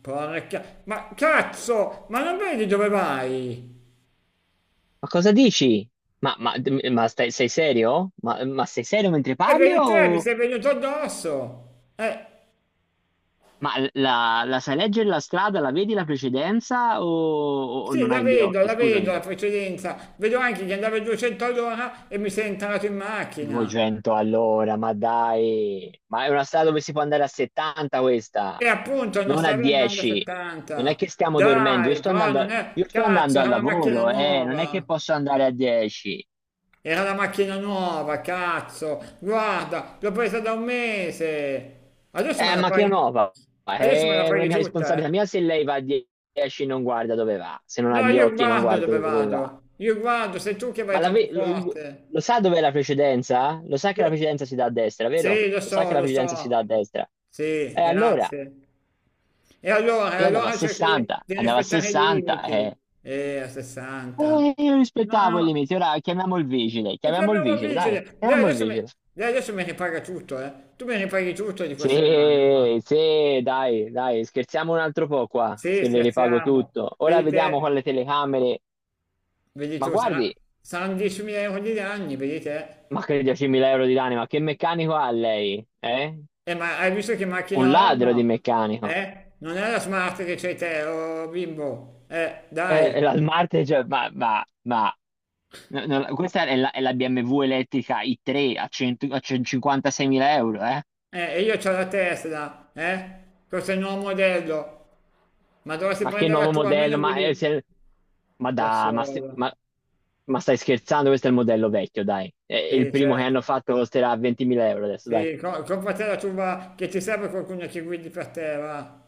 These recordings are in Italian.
Porca... Ma cazzo! Ma non vedi dove vai? Ma cosa dici? Ma, ma- sei serio? Ma sei serio mentre E parli vedi te, mi o. sei venuto addosso! Ma la sai leggere la strada, la vedi la precedenza o Sì, non la hai gli vedo, occhi? la vedo la Scusami. precedenza. Vedo anche che andava a 200 all'ora e mi sei entrato in macchina. 200 all'ora, ma dai. Ma è una strada dove si può andare a 70 questa, E appunto non non a stavi andando a 10. Non è 70. che stiamo dormendo, Dai, però non è... io sto Cazzo, andando al era la macchina lavoro, non è che nuova. posso andare a 10. Era la macchina nuova, cazzo. Guarda, l'ho presa da un mese. Adesso me la Ma che fai... nuova? Adesso me la Non è fai mia tutta, eh. responsabilità mia se lei va a 10 e non guarda dove va, se non ha No, gli io occhi e non guardo guarda dove dove va. vado, io guardo, sei tu che Ma vai la troppo ve- lo, lo forte. sa dov'è la precedenza? Lo sa che la Lo- precedenza si dà a destra, vero? Sì, lo Lo sa che so, la lo precedenza si dà so. a destra. Sì, E allora grazie. E allora, e io andavo a allora cerca di 60, di andavo a rispettare i 60 e limiti. A 60. Io No, rispettavo i no, limiti. Ora e ti chiamiamo il abbiamo vigile, dai, vigile. Chiamiamo il vigile. Lei adesso mi ripaga tutto, eh. Tu mi ripaghi tutto di questa collana qua. Sì, sì, dai, dai, scherziamo un altro po' qua, Sì, se le ripago scherziamo. tutto. Ora Vedi vediamo te, con le telecamere. vedi Ma tu, guardi, saranno 10.000 euro di danni, vedi te. ma che 10.000 euro di lane, ma che meccanico ha lei? Eh? Ma hai visto che Un macchina ho? O ladro di No. meccanico. Eh? Non è la smart che c'hai te, oh bimbo. Dai. La Smart, cioè, no, no, questa è la BMW elettrica i3 a, 100 a 156.000 euro, eh? E io c'ho la Tesla, eh? Questo è il nuovo modello. Ma dovresti Ma che prendere la nuovo tua, modello? almeno Ma, guidi se- ma da da, ma, se- solo. Ma stai scherzando? Questo è il modello vecchio, dai. Il Sì, primo che hanno certo. fatto costerà 20.000 euro adesso, dai. Sì, compra te la tua, che ti serve qualcuno che guidi per te, va.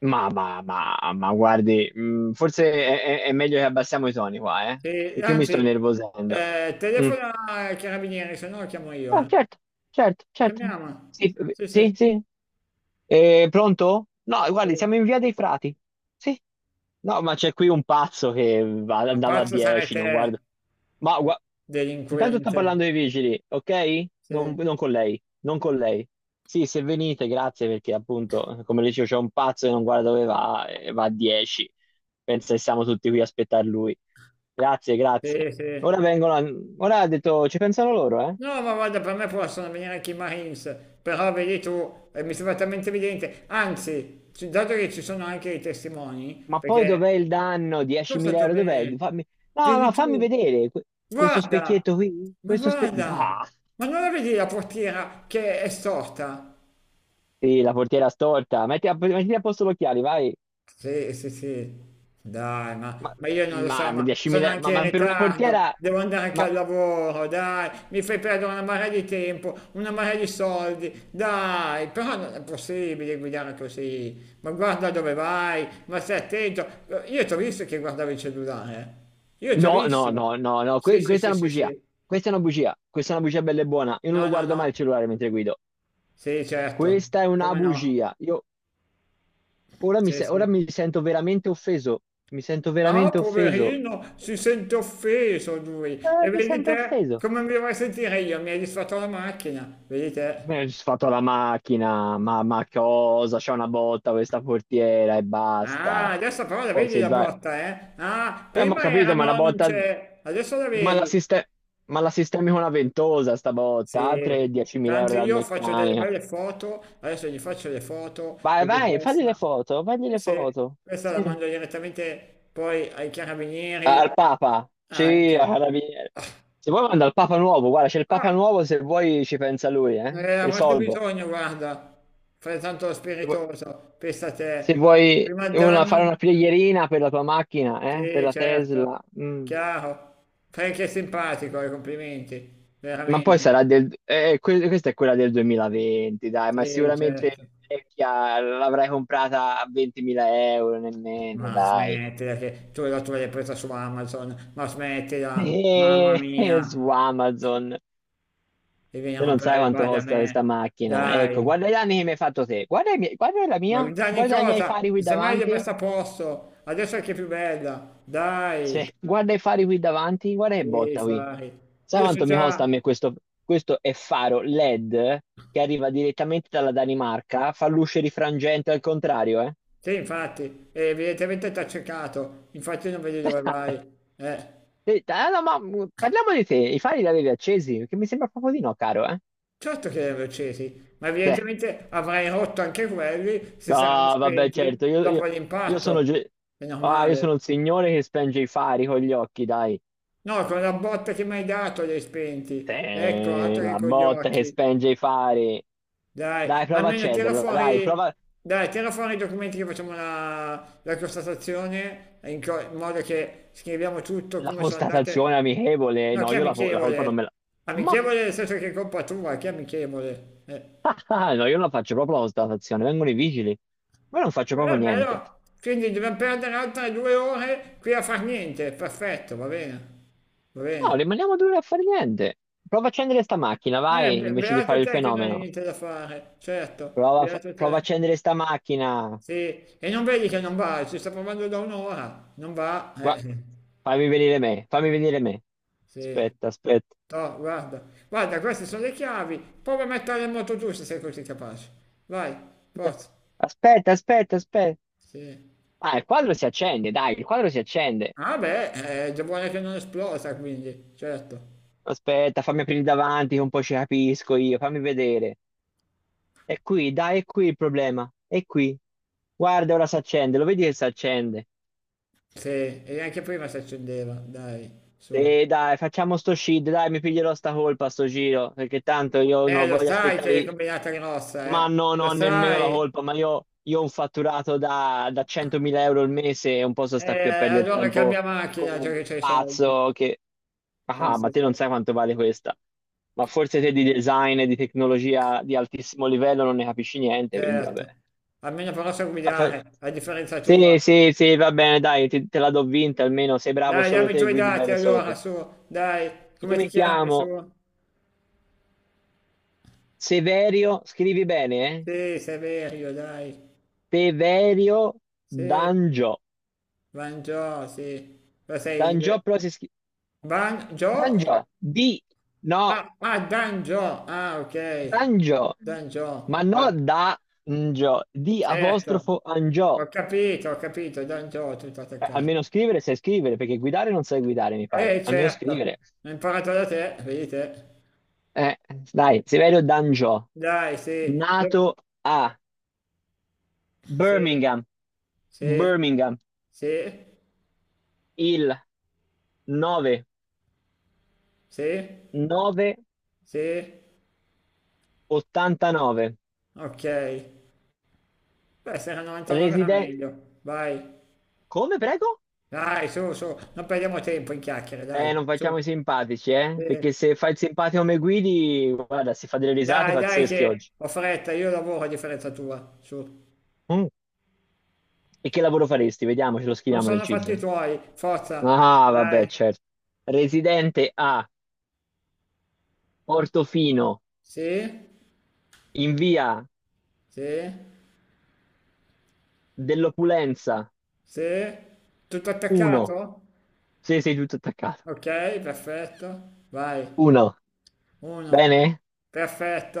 Ma guardi, forse è meglio che abbassiamo i toni qua, eh? Sì, Perché io mi anzi, sto innervosendo. Mm. telefona ai carabinieri, se no lo chiamo io, Ah, eh. certo, certo, certo. Chiamiamo. Sì, Sì, sì, sì, sì. sì. Pronto? No, guardi, siamo in via dei Frati. Sì. No, ma c'è qui un pazzo che Ma andava a pazzo sarai 10, te. non guarda. Ma gua- intanto sta Delinquente, parlando ai vigili, ok? Non, sì, non con lei, non con lei. Sì, se venite, grazie, perché appunto, come dicevo, c'è un pazzo che non guarda dove va e va a 10. Pensa che siamo tutti qui a aspettare lui. Grazie, grazie. sì, sì. Ora vengono, ora ha detto, ci pensano loro, eh? No, ma guarda, per me possono venire anche i Marines, però vedi tu, mi sembra talmente evidente. Anzi, dato che ci sono anche i testimoni, Ma poi perché dov'è il danno? cosa 10.000 euro, dov'è? dove... Fammi. No, Vedi no, fammi tu, vedere questo guarda, specchietto qui, ma questo specchietto. guarda, ma non la vedi la portiera che è storta? Sì, la portiera storta. Mettiti a posto gli occhiali, vai. Sì, sì, sì, dai, Ma, ma io non lo so, ma ma sono 10.000, ma, anche in ma per una ritardo, portiera. devo andare anche Ma al lavoro, dai, mi fai perdere una marea di tempo, una marea di soldi, dai, però non è possibile guidare così, ma guarda dove vai, ma stai attento, io ti ho visto che guardavi il cellulare, eh. Io ti ho no, no, visto, no, no, no, sì, sì, questa è sì, una sì, bugia. sì, Questa è una bugia. Questa è una bugia bella e buona. Io non no, lo no, guardo mai no, il cellulare mentre guido. sì, certo, Questa è una come no, bugia. Io ora mi, sì, se- ora sì. mi sento veramente offeso. Mi sento Ah, veramente offeso. poverino, si sente offeso lui. E Mi vedi sento te offeso. come mi vorrei sentire io? Mi hai disfatto la macchina, vedi Mi te. ho fatto la macchina, ma cosa? C'è una botta questa portiera e Ah, basta. adesso però la Poi vedi se la vai. botta, eh? Ah, Ma ho prima era capito, ma una no, non botta. c'è, adesso la Ma la, vedi. siste- ma la sistemi con una ventosa sta botta, Sì, altre 10.000 euro tanto dal io faccio delle meccanico. belle foto, adesso gli faccio le foto Vai, perché vai, fagli le questa... foto, fagli Sì, le sì, foto. questa la Sì. mando direttamente poi ai carabinieri Al Papa, sì, a anche. Carabinieri. Ah, Se vuoi manda il Papa nuovo, guarda, c'è il Papa ah, nuovo, se vuoi ci pensa lui, eh? eh, avresti Risolve. bisogno, guarda, fai tanto lo Se vuoi spiritoso, pensa a se te. vuoi Prima il una- fare danno? una preghierina per la tua macchina, eh? Per Sì, la certo, Tesla. Mm. chiaro. Fai che è simpatico, i complimenti, Ma poi veramente. sarà del. Questa è quella del 2020, dai, ma Sì, sicuramente certo. vecchia, l'avrai comprata a 20.000 euro, nemmeno, Ma dai. smettila che tu la tua l'hai presa su Amazon, ma smettila, mamma Su mia, Amazon, e vieni a te non rompere sai le quanto balle a costa questa me. macchina. Ecco, Dai, guarda gli anni che mi hai fatto te, guarda, guarda la ma mia, danni guarda i miei cosa? fari qui Semmai le davanti. messa a posto, adesso è che è più bella, dai. Guarda i fari qui davanti, guarda che Sì, botta qui. fai. Sai Io so quanto mi costa già, a me questo? Questo è faro LED che arriva direttamente dalla Danimarca, fa luce rifrangente al contrario, eh? sì, infatti, evidentemente ti ha cercato, infatti non vedi dove Eh, vai. Eh, no, ma parliamo di te, i fari li avevi accesi? Perché mi sembra proprio di no, caro, eh? certo che li hanno accesi, ma Sì. evidentemente avrai rotto anche quelli se No, saranno vabbè, spenti certo, dopo io sono, l'impatto. ge- È io sono normale. il signore che spenge i fari con gli occhi, dai. No, con la botta che mi hai dato li hai spenti. Ecco, Sì, altro che la con gli botta che occhi. spenge i fari. Dai, Dai, prova a almeno accenderla, dai, prova dai, tira fuori i documenti che facciamo la constatazione, in modo che scriviamo tutto la come sono andate. constatazione amichevole. No, No, chi è io la colpa non amichevole? me la. Ma che. Amichevole nel senso che è colpa tua, chi è amichevole? No, io non la faccio proprio la constatazione, vengono i vigili. Ma io non faccio Però proprio è niente. bello, quindi dobbiamo perdere altre due ore qui a far niente, perfetto, va bene, va No, bene. rimaniamo 2 ore a fare niente. Prova a accendere sta macchina, vai, invece di Beato fare il te che non hai fenomeno. niente da fare, certo, beato Prova a te. accendere sta macchina. Sì, e non vedi che non va, ci sta provando da un'ora, non va, Gua- Fammi venire me, fammi venire me. sì, Aspetta, aspetta. toh, guarda, guarda, queste sono le chiavi, prova a mettere in moto tu se sei così capace, vai, forza, Aspetta, aspetta, aspetta. sì. Ah, il quadro si accende, dai, il quadro si accende. Ah beh, è già buona che non esplosa quindi, certo, Aspetta, fammi aprire davanti, che un po' ci capisco io, fammi vedere. È qui, dai, è qui il problema. È qui. Guarda, ora si accende, lo vedi che si accende? sì, e anche prima si accendeva, dai, su. E dai, facciamo sto shit, dai, mi piglierò sta colpa sto giro, perché tanto io non Lo voglio sai che aspettare, l'hai combinata grossa, ma no, non lo ho nemmeno la sai, colpa, ma io ho un fatturato da 100.000 euro al mese e un po' so sta qui a perdere allora tempo cambia con macchina già un che c'hai i soldi, pazzo che. Ah, ma pensa te non te. sai quanto vale questa. Ma forse te di design e di tecnologia di altissimo livello non ne capisci niente, quindi vabbè. Certo, almeno però so Ah, fa- guidare, a differenza tua. Sì, sì, sì, va bene, dai, te la do vinta almeno, sei bravo Dai, solo dammi i te, tuoi guidi dati bene solo allora, te. su, dai, Io come ti mi chiami, su? chiamo Severio, scrivi bene, eh? Sì, Severio, dai. Severio Sì, Dangio. Banjo, sì. Ma sei in... Dangio però si scrive. Banjo? o Va- Dangio, di. No, Ah, ah, Danjo, ah, ok. Dangio. Danjo, Ma no vabbè, Dangio, di certo. apostrofo Angio. Ho capito, Danjo, tutto attaccato. Almeno scrivere sai scrivere, perché guidare non sai guidare, mi pare. Almeno Certo, scrivere. ho imparato da te, vedi te. Eh, dai, Severio Dangio, Dai, sì, nato a sì, Birmingham, sì. Birmingham, Sì, il 9, sì, sì, 989. ok. Beh, se era 99 era Residente. meglio. Vai, Come, prego? dai, su, su, non perdiamo tempo in chiacchiere, Non dai, su. facciamo i simpatici, eh? Sì. Perché se fai il simpatico come guidi, guarda, si fa delle risate Dai, dai, pazzesche che oggi. ho fretta, io lavoro a differenza tua, su. Mm. E che lavoro faresti? Vediamo, ce lo Non scriviamo nel sono fatti i CID. tuoi, forza, Ah, dai. vabbè, certo. Residente a Portofino, Sì, in via sì, dell'Opulenza sì. Tutto 1. attaccato? Sì, sei tutto attaccato. Ok, perfetto. Vai, 1. uno, Bene?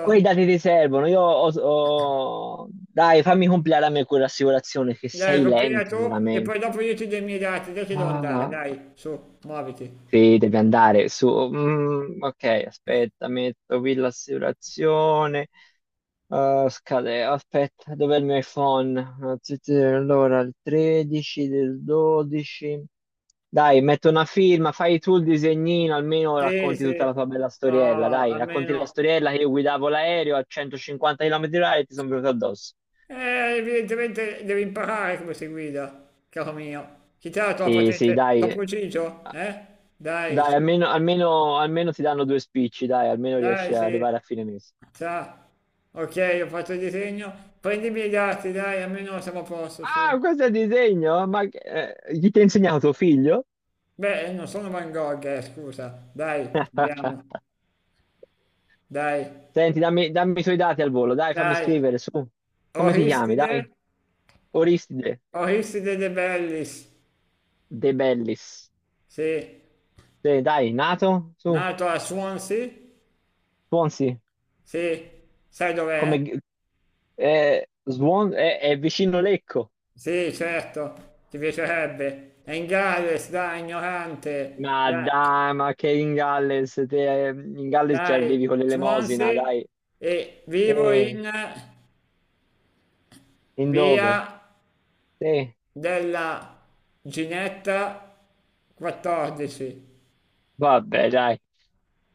Poi i dati ti servono. Dai, fammi compilare a me quell'assicurazione, che Dai, sei compila lento, tu e veramente. poi dopo io ti do i miei dati, dai che devo andare, Ah. dai, su, muoviti. Sì, devi andare su. Ok, aspetta, metto qui l'assicurazione. Eh, scade, aspetta, dov'è il mio iPhone? Ah, sì, sì, allora, il 13 del 12. Dai, metto una firma, fai tu il disegnino, almeno Sì, racconti tutta la sì, tua bella storiella. ah, Dai, racconti la almeno... storiella che io guidavo l'aereo a 150 km/h e ti sono venuto addosso. Evidentemente devi imparare come si guida, caro mio. Chi te la tua Sì, sì, patente? T'ho dai, ucciso? ah, Eh? Dai, dai, su, almeno, almeno, almeno ti danno due spicci, dai, almeno riesci dai, ad arrivare sì. a fine mese. Sa. Ok, ho fatto il disegno. Prendi i miei dati, dai, almeno siamo a posto, su. Ah, questo è il disegno? Chi ti ha insegnato tuo figlio? Beh, non sono Van Gogh, scusa. Dai, andiamo. Dai, Senti, dammi i tuoi dati al volo, dai, fammi dai. scrivere su. Come ti chiami, Oristide? dai? Oristide Aristide De Bellis, De Bellis. sì, Sì, dai, nato? Su, nato a Swansea, Swansea. sì, sai dov'è? Come. È vicino Lecco. Sì, certo, ti piacerebbe. È in Galles, dai, ignorante, Ma dai, dai, ma che in Galles, te, in Galles ci dai, arrivi con l'elemosina, Swansea dai. e vivo Sì, in in via dove? Sì, della Ginetta 14. vabbè, dai.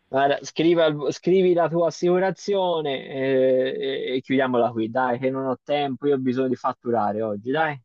Guarda, scrivi, scrivi la tua assicurazione e chiudiamola qui, dai, che non ho tempo, io ho bisogno di fatturare oggi, dai.